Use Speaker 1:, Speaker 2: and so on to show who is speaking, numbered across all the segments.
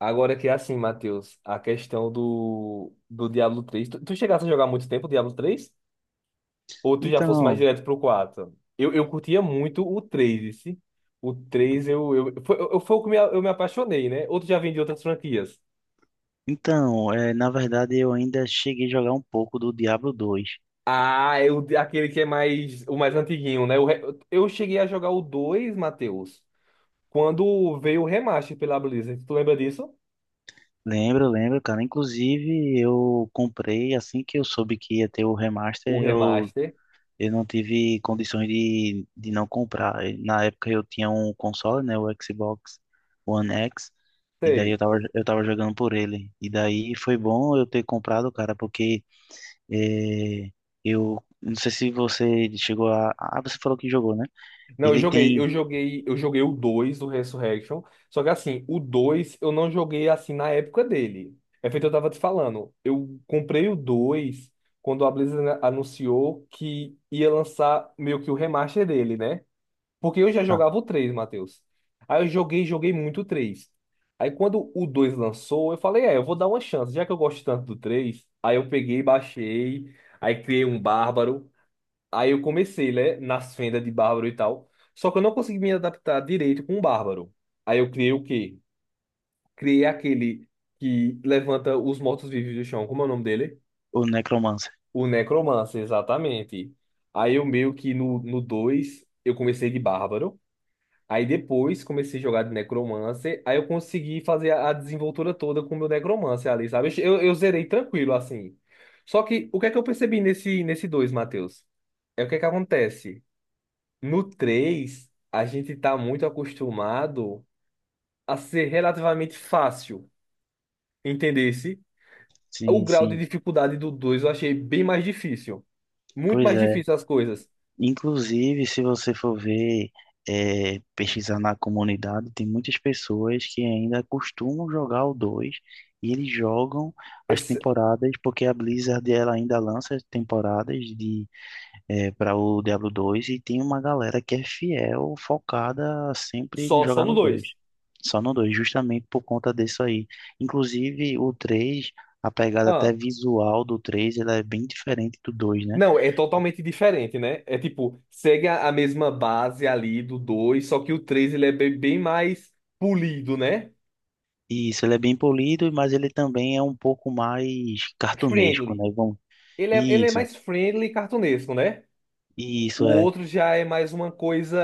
Speaker 1: Agora que é assim, Matheus, a questão do Diablo três. Tu chegasse a jogar muito tempo o Diablo três? Ou tu já fosse mais
Speaker 2: Então,
Speaker 1: direto pro 4? Eu curtia muito o 3, esse. O 3 foi o que me apaixonei, né? Outro já vem de outras franquias.
Speaker 2: então, na verdade eu ainda cheguei a jogar um pouco do Diablo dois.
Speaker 1: Ah, é o, aquele que é mais, o mais antiguinho, né? Eu cheguei a jogar o 2, Matheus, quando veio o remaster pela Blizzard. Tu lembra disso?
Speaker 2: Lembro, lembro, cara. Inclusive eu comprei assim que eu soube que ia ter o remaster,
Speaker 1: O
Speaker 2: eu,
Speaker 1: remaster.
Speaker 2: eu não tive condições de não comprar. E na época eu tinha um console, né, o Xbox One X, e daí eu
Speaker 1: Sei.
Speaker 2: tava, eu tava jogando por ele. E daí foi bom eu ter comprado, cara, porque é, eu não sei se você chegou a... Ah, você falou que jogou, né?
Speaker 1: Não,
Speaker 2: Ele tem...
Speaker 1: eu joguei o 2 do Resurrection, só que assim, o 2 eu não joguei assim na época dele. É feito eu tava te falando. Eu comprei o 2 quando a Blizzard anunciou que ia lançar meio que o remaster dele, né? Porque eu já jogava o 3, Matheus. Aí eu joguei, joguei muito o três. Aí quando o 2 lançou, eu falei, é, eu vou dar uma chance, já que eu gosto tanto do três. Aí eu peguei, baixei, aí criei um bárbaro. Aí eu comecei, né, nas fendas de Bárbaro e tal. Só que eu não consegui me adaptar direito com o Bárbaro. Aí eu criei o quê? Criei aquele que levanta os mortos-vivos do chão. Como é o nome dele?
Speaker 2: O Necromancer.
Speaker 1: O Necromancer, exatamente. Aí eu meio que no 2 eu comecei de Bárbaro. Aí depois comecei a jogar de Necromancer. Aí eu consegui fazer a desenvoltura toda com o meu Necromancer ali, sabe? Eu zerei tranquilo, assim. Só que o que é que eu percebi nesse dois, Matheus? É o que é que acontece? No 3 a gente tá muito acostumado a ser relativamente fácil, entendesse? O
Speaker 2: Sim,
Speaker 1: grau de
Speaker 2: sim.
Speaker 1: dificuldade do 2 eu achei bem mais difícil. Muito
Speaker 2: Pois
Speaker 1: mais
Speaker 2: é.
Speaker 1: difícil as coisas.
Speaker 2: Inclusive, se você for ver, pesquisar na comunidade, tem muitas pessoas que ainda costumam jogar o dois e eles jogam as
Speaker 1: Esse-
Speaker 2: temporadas, porque a Blizzard ela ainda lança as temporadas de para o Diablo 2, e tem uma galera que é fiel, focada sempre em
Speaker 1: só
Speaker 2: jogar
Speaker 1: no
Speaker 2: no 2.
Speaker 1: dois.
Speaker 2: Só no 2, justamente por conta disso aí. Inclusive o 3, a pegada até
Speaker 1: Ah,
Speaker 2: visual do 3, ela é bem diferente do 2, né?
Speaker 1: não, é totalmente diferente, né? É tipo, segue a mesma base ali do dois, só que o 3 ele é bem, bem mais polido, né?
Speaker 2: E isso, ele é bem polido, mas ele também é um pouco mais cartunesco,
Speaker 1: Friendly.
Speaker 2: né? Vamos...
Speaker 1: Ele é
Speaker 2: Isso.
Speaker 1: mais friendly e cartunesco, né? O
Speaker 2: Isso é
Speaker 1: outro já é mais uma coisa.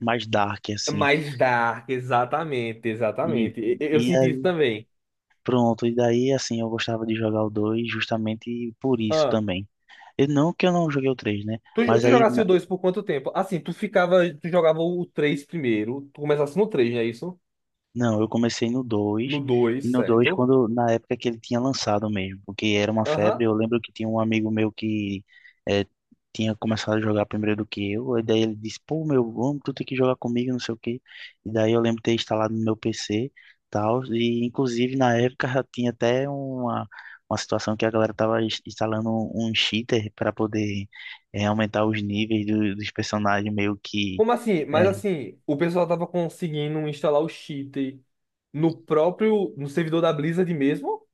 Speaker 2: mais dark, assim.
Speaker 1: Mais dark, exatamente,
Speaker 2: E,
Speaker 1: exatamente. Eu
Speaker 2: e
Speaker 1: senti isso
Speaker 2: aí,
Speaker 1: também.
Speaker 2: pronto, e daí, assim, eu gostava de jogar o 2 justamente por isso
Speaker 1: Ah,
Speaker 2: também. Eu, não que eu não joguei o três, né?
Speaker 1: tu,
Speaker 2: Mas
Speaker 1: tu
Speaker 2: aí,
Speaker 1: jogasse o 2 por quanto tempo? Assim, tu ficava, tu jogava o 3 primeiro, tu começasse no três, não é isso?
Speaker 2: não, eu comecei no
Speaker 1: No
Speaker 2: dois e
Speaker 1: dois,
Speaker 2: no dois
Speaker 1: certo?
Speaker 2: quando, na época que ele tinha lançado mesmo, porque era uma febre,
Speaker 1: Aham.
Speaker 2: eu lembro que tinha um amigo meu que eh, tinha começado a jogar primeiro do que eu, e daí ele disse, pô, meu, vamos, tu tem que jogar comigo, não sei o quê. E daí eu lembro de ter instalado no meu PC, tal, e inclusive na época já tinha até uma situação que a galera tava instalando um cheater para poder aumentar os níveis dos personagens meio que...
Speaker 1: Como assim? Mas
Speaker 2: eh,
Speaker 1: assim, o pessoal tava conseguindo instalar o cheat no próprio, no servidor da Blizzard mesmo?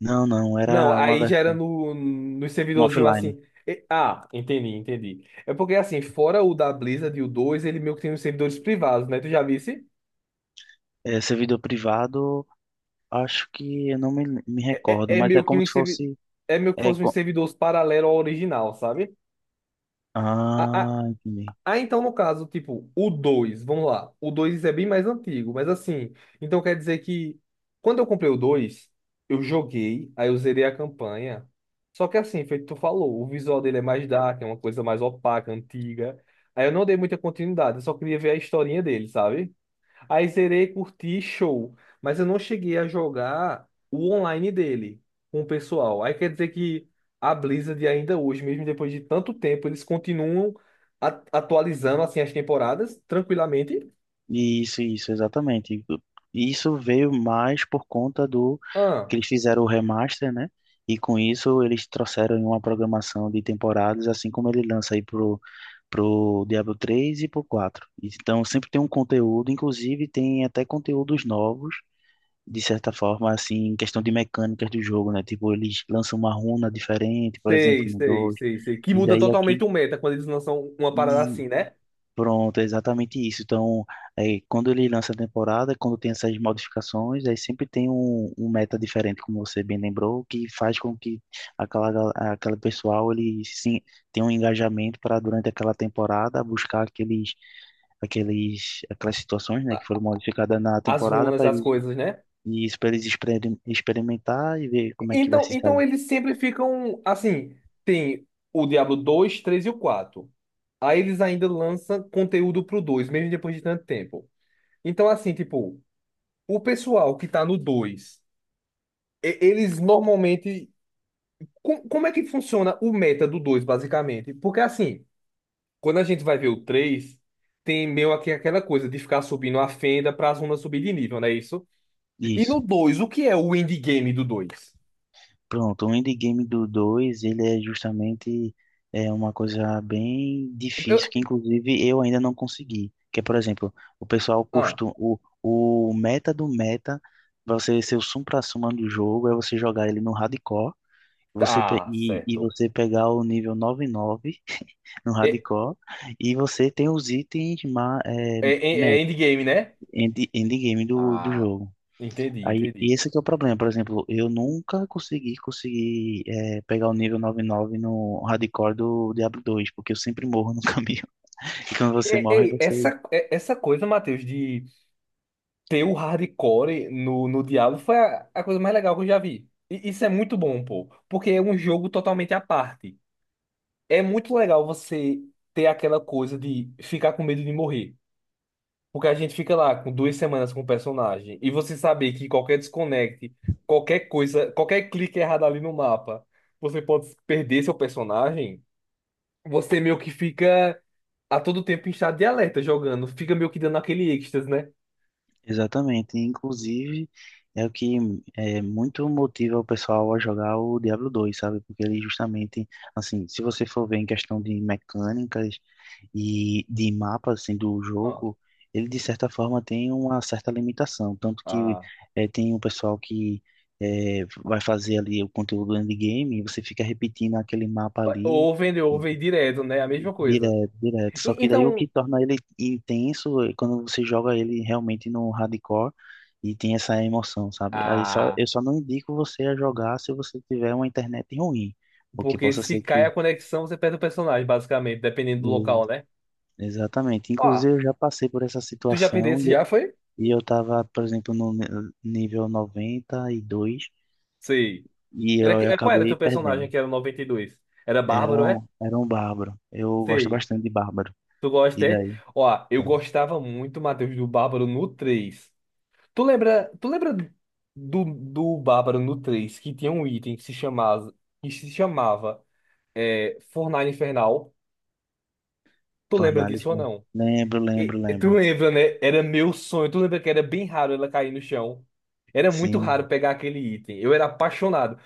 Speaker 2: Não, não,
Speaker 1: Não,
Speaker 2: era uma
Speaker 1: aí já era
Speaker 2: versão
Speaker 1: no
Speaker 2: um
Speaker 1: servidorzinho
Speaker 2: offline.
Speaker 1: assim. Ah, entendi. É porque assim, fora o da Blizzard, e o 2 ele meio que tem os servidores privados, né? Tu já viu?
Speaker 2: É, servidor privado, acho que eu não me recordo,
Speaker 1: É, é
Speaker 2: mas é
Speaker 1: meio que
Speaker 2: como
Speaker 1: um
Speaker 2: se fosse.
Speaker 1: é meio que
Speaker 2: É,
Speaker 1: fosse um
Speaker 2: co-
Speaker 1: servidor paralelo ao original, sabe? A
Speaker 2: ah, entendi.
Speaker 1: Ah, então no caso, tipo, o dois, vamos lá. O 2 é bem mais antigo, mas assim, então quer dizer que, quando eu comprei o dois, eu joguei, aí eu zerei a campanha. Só que assim, feito tu falou, o visual dele é mais dark, é uma coisa mais opaca, antiga. Aí eu não dei muita continuidade, eu só queria ver a historinha dele, sabe? Aí zerei, curti, show. Mas eu não cheguei a jogar o online dele com o pessoal. Aí quer dizer que a Blizzard ainda hoje, mesmo depois de tanto tempo, eles continuam atualizando assim as temporadas tranquilamente.
Speaker 2: Isso, exatamente. Isso veio mais por conta do
Speaker 1: Ah,
Speaker 2: que eles fizeram o remaster, né? E com isso eles trouxeram em uma programação de temporadas, assim como ele lança aí pro Diablo três e pro quatro. Então sempre tem um conteúdo, inclusive tem até conteúdos novos de certa forma, assim, em questão de mecânicas do jogo, né? Tipo, eles lançam uma runa diferente, por exemplo, no dois
Speaker 1: sei. Que
Speaker 2: e
Speaker 1: muda
Speaker 2: daí aqui,
Speaker 1: totalmente o meta quando eles lançam uma parada
Speaker 2: e
Speaker 1: assim, né?
Speaker 2: pronto, é exatamente isso. Então, quando ele lança a temporada, quando tem essas modificações, aí sempre tem um meta diferente, como você bem lembrou, que faz com que aquele pessoal, ele sim, tenha um engajamento para, durante aquela temporada, buscar aquelas situações, né, que
Speaker 1: A-
Speaker 2: foram modificadas na
Speaker 1: As
Speaker 2: temporada
Speaker 1: runas,
Speaker 2: para
Speaker 1: as coisas, né?
Speaker 2: e isso pra eles experimentar e ver como é que vai
Speaker 1: Então,
Speaker 2: se sair.
Speaker 1: então eles sempre ficam assim, tem o Diablo dois, 3 e o 4. Aí eles ainda lançam conteúdo pro 2, mesmo depois de tanto tempo. Então, assim, tipo, o pessoal que tá no 2, eles normalmente. Como é que funciona o meta do 2, basicamente? Porque, assim, quando a gente vai ver o 3, tem meio aqui aquela coisa de ficar subindo a fenda pra zona subir de nível, não é isso? E
Speaker 2: Isso.
Speaker 1: no dois, o que é o endgame do 2?
Speaker 2: Pronto, o endgame do dois ele é justamente é uma coisa bem
Speaker 1: Eu-
Speaker 2: difícil, que inclusive eu ainda não consegui. Que é, por exemplo, o pessoal
Speaker 1: Ah,
Speaker 2: costuma... O meta do meta, pra você ser o supra-suma do jogo, é você jogar ele no hardcore, você, pe-
Speaker 1: tá,
Speaker 2: e, e
Speaker 1: certo.
Speaker 2: você pegar o nível 99 no
Speaker 1: É,
Speaker 2: hardcore, e você tem os itens
Speaker 1: é é
Speaker 2: meta,
Speaker 1: endgame, né?
Speaker 2: endgame do
Speaker 1: Ah,
Speaker 2: jogo.
Speaker 1: entendi,
Speaker 2: Aí, e
Speaker 1: entendi.
Speaker 2: esse que é o problema, por exemplo, eu nunca consegui conseguir pegar o nível 99 no hardcore do Diablo dois, porque eu sempre morro no caminho. E quando você
Speaker 1: Ei,
Speaker 2: morre,
Speaker 1: ei,
Speaker 2: você
Speaker 1: essa coisa, Matheus, de ter o hardcore no diabo foi a coisa mais legal que eu já vi. E isso é muito bom, pô, porque é um jogo totalmente à parte. É muito legal você ter aquela coisa de ficar com medo de morrer. Porque a gente fica lá com duas semanas com o personagem e você saber que qualquer desconecte, qualquer coisa, qualquer clique errado ali no mapa, você pode perder seu personagem. Você meio que fica a todo tempo em estado de alerta jogando, fica meio que dando aquele êxtase, né?
Speaker 2: Exatamente. Inclusive, é o que é muito motiva o pessoal a jogar o Diablo dois, sabe? Porque ele justamente, assim, se você for ver em questão de mecânicas e de mapa, assim, do
Speaker 1: Ó,
Speaker 2: jogo, ele de certa forma tem uma certa limitação. Tanto que
Speaker 1: ah,
Speaker 2: tem o pessoal que vai fazer ali o conteúdo endgame e você fica repetindo aquele mapa ali
Speaker 1: ou vender ou vem direto, né? A mesma coisa.
Speaker 2: direto, direto. Só que daí o
Speaker 1: Então,
Speaker 2: que torna ele intenso é quando você joga ele realmente no hardcore e tem essa emoção, sabe? Aí só,
Speaker 1: ah,
Speaker 2: eu só não indico você a jogar se você tiver uma internet ruim, porque
Speaker 1: porque
Speaker 2: possa
Speaker 1: se
Speaker 2: ser
Speaker 1: cai a
Speaker 2: que.
Speaker 1: conexão, você perde o personagem, basicamente, dependendo do
Speaker 2: e-
Speaker 1: local, né?
Speaker 2: Exatamente.
Speaker 1: Ó,
Speaker 2: Inclusive, eu já passei por essa
Speaker 1: tu já
Speaker 2: situação
Speaker 1: perdesse
Speaker 2: e eu,
Speaker 1: já, foi?
Speaker 2: e eu tava, por exemplo, no nível noventa e dois
Speaker 1: Sei.
Speaker 2: e
Speaker 1: Era,
Speaker 2: eu
Speaker 1: qual era teu
Speaker 2: acabei
Speaker 1: personagem
Speaker 2: perdendo.
Speaker 1: que era o 92? Era
Speaker 2: Era
Speaker 1: Bárbaro, é?
Speaker 2: um, era um bárbaro. Eu gosto
Speaker 1: Sei.
Speaker 2: bastante de bárbaro.
Speaker 1: Tu gosta,
Speaker 2: E
Speaker 1: é?
Speaker 2: daí?
Speaker 1: Ó, eu gostava muito, Matheus, do Bárbaro no três. Tu lembra do Bárbaro no três, que tinha um item que se chamava, que se chamava é, Fornalha Infernal? Tu lembra disso ou
Speaker 2: Fornalista.
Speaker 1: não?
Speaker 2: Lembro, lembro,
Speaker 1: Tu
Speaker 2: lembro.
Speaker 1: lembra, né? Era meu sonho. Tu lembra que era bem raro ela cair no chão? Era muito raro
Speaker 2: Sim,
Speaker 1: pegar aquele item. Eu era apaixonado.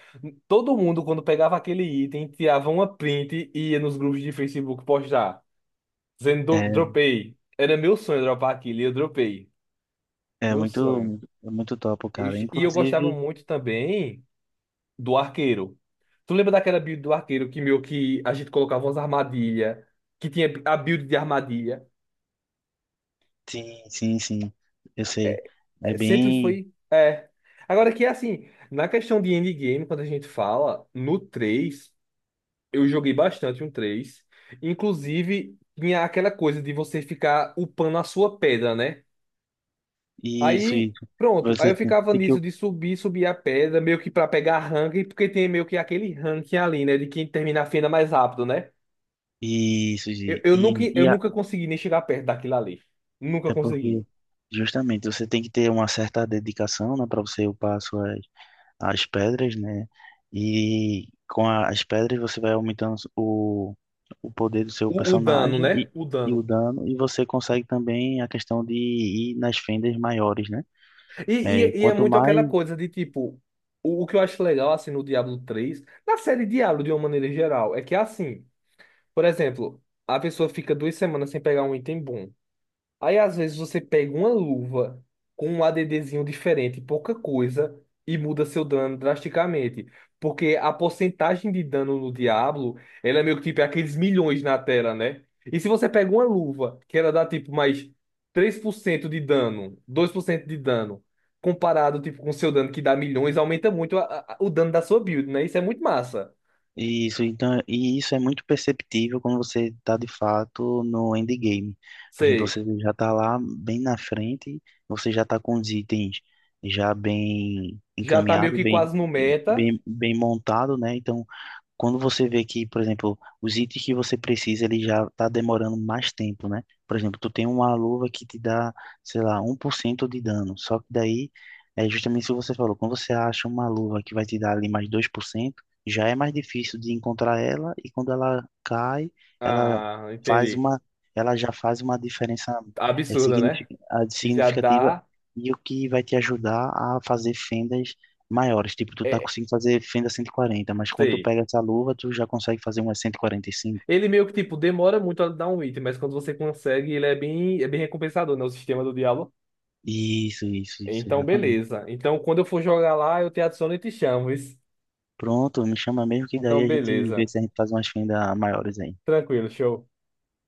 Speaker 1: Todo mundo, quando pegava aquele item, tirava uma print e ia nos grupos de Facebook postar. Dizendo,
Speaker 2: é,
Speaker 1: Dropei. Era meu sonho dropar aquilo e eu dropei.
Speaker 2: é
Speaker 1: Meu
Speaker 2: muito,
Speaker 1: sonho."
Speaker 2: muito, é muito top,
Speaker 1: Eu
Speaker 2: cara.
Speaker 1: ch- e Eu gostava
Speaker 2: Inclusive,
Speaker 1: muito também do arqueiro. Tu lembra daquela build do arqueiro que, meu, que a gente colocava umas armadilhas? Que tinha a build de armadilha?
Speaker 2: sim, sim, sim, eu sei. É
Speaker 1: Sempre
Speaker 2: bem
Speaker 1: foi. É. Agora que é assim, na questão de endgame, quando a gente fala, no 3 eu joguei bastante um três. Inclusive, tinha aquela coisa de você ficar upando a sua pedra, né?
Speaker 2: isso,
Speaker 1: Aí,
Speaker 2: isso.
Speaker 1: pronto. Aí
Speaker 2: Você
Speaker 1: eu
Speaker 2: tem,
Speaker 1: ficava
Speaker 2: tem que
Speaker 1: nisso de subir, subir a pedra, meio que pra pegar ranking, porque tem meio que aquele ranking ali, né? De quem termina a fenda mais rápido, né?
Speaker 2: isso, Gi.
Speaker 1: Eu nunca, eu,
Speaker 2: E a-
Speaker 1: nunca consegui nem chegar perto daquilo ali. Nunca
Speaker 2: é porque
Speaker 1: consegui.
Speaker 2: justamente você tem que ter uma certa dedicação, né, para você upar as suas as pedras, né? E com as pedras você vai aumentando o poder do seu
Speaker 1: O dano,
Speaker 2: personagem
Speaker 1: né? O
Speaker 2: e o
Speaker 1: dano.
Speaker 2: dano, e você consegue também a questão de ir nas fendas maiores, né?
Speaker 1: E,
Speaker 2: É,
Speaker 1: e, e é
Speaker 2: quanto
Speaker 1: muito aquela
Speaker 2: mais
Speaker 1: coisa de tipo, o que eu acho legal assim no Diablo três, na série Diablo de uma maneira geral, é que é assim, por exemplo, a pessoa fica duas semanas sem pegar um item bom. Aí às vezes você pega uma luva com um ADDzinho diferente, pouca coisa, e muda seu dano drasticamente. Porque a porcentagem de dano no Diablo, ela é meio que tipo é aqueles milhões na tela, né? E se você pega uma luva que ela dá tipo mais 3% de dano, 2% de dano, comparado tipo com seu dano que dá milhões, aumenta muito o dano da sua build, né? Isso é muito massa.
Speaker 2: isso, então, e isso é muito perceptível quando você está de fato no endgame. Por exemplo,
Speaker 1: Sei,
Speaker 2: você já está lá bem na frente, você já está com os itens já bem
Speaker 1: já tá meio
Speaker 2: encaminhado,
Speaker 1: que quase no meta.
Speaker 2: bem montado, né? Então quando você vê que, por exemplo, os itens que você precisa, ele já está demorando mais tempo, né? Por exemplo, tu tem uma luva que te dá, sei lá, um por cento de dano. Só que daí, é justamente isso que você falou. Quando você acha uma luva que vai te dar ali mais dois por cento, já é mais difícil de encontrar ela. E quando ela cai, ela
Speaker 1: Ah,
Speaker 2: faz
Speaker 1: entendi.
Speaker 2: ela já faz uma diferença
Speaker 1: Absurda,
Speaker 2: ah,
Speaker 1: já
Speaker 2: significativa.
Speaker 1: dá.
Speaker 2: E o que vai te ajudar a fazer fendas maiores, tipo, tu tá
Speaker 1: É,
Speaker 2: conseguindo fazer fenda cento e quarenta, mas quando tu
Speaker 1: sei.
Speaker 2: pega essa luva, tu já consegue fazer uma cinco.
Speaker 1: Ele meio que, tipo, demora muito a dar um item, mas quando você consegue, ele é bem recompensador, né? O sistema do Diablo.
Speaker 2: Isso,
Speaker 1: Então,
Speaker 2: exatamente.
Speaker 1: beleza. Então, quando eu for jogar lá, eu te adiciono e te chamo. Isso.
Speaker 2: Pronto, me chama mesmo que daí
Speaker 1: Então,
Speaker 2: a gente vê
Speaker 1: beleza.
Speaker 2: se a gente faz umas fendas maiores aí.
Speaker 1: Tranquilo, show.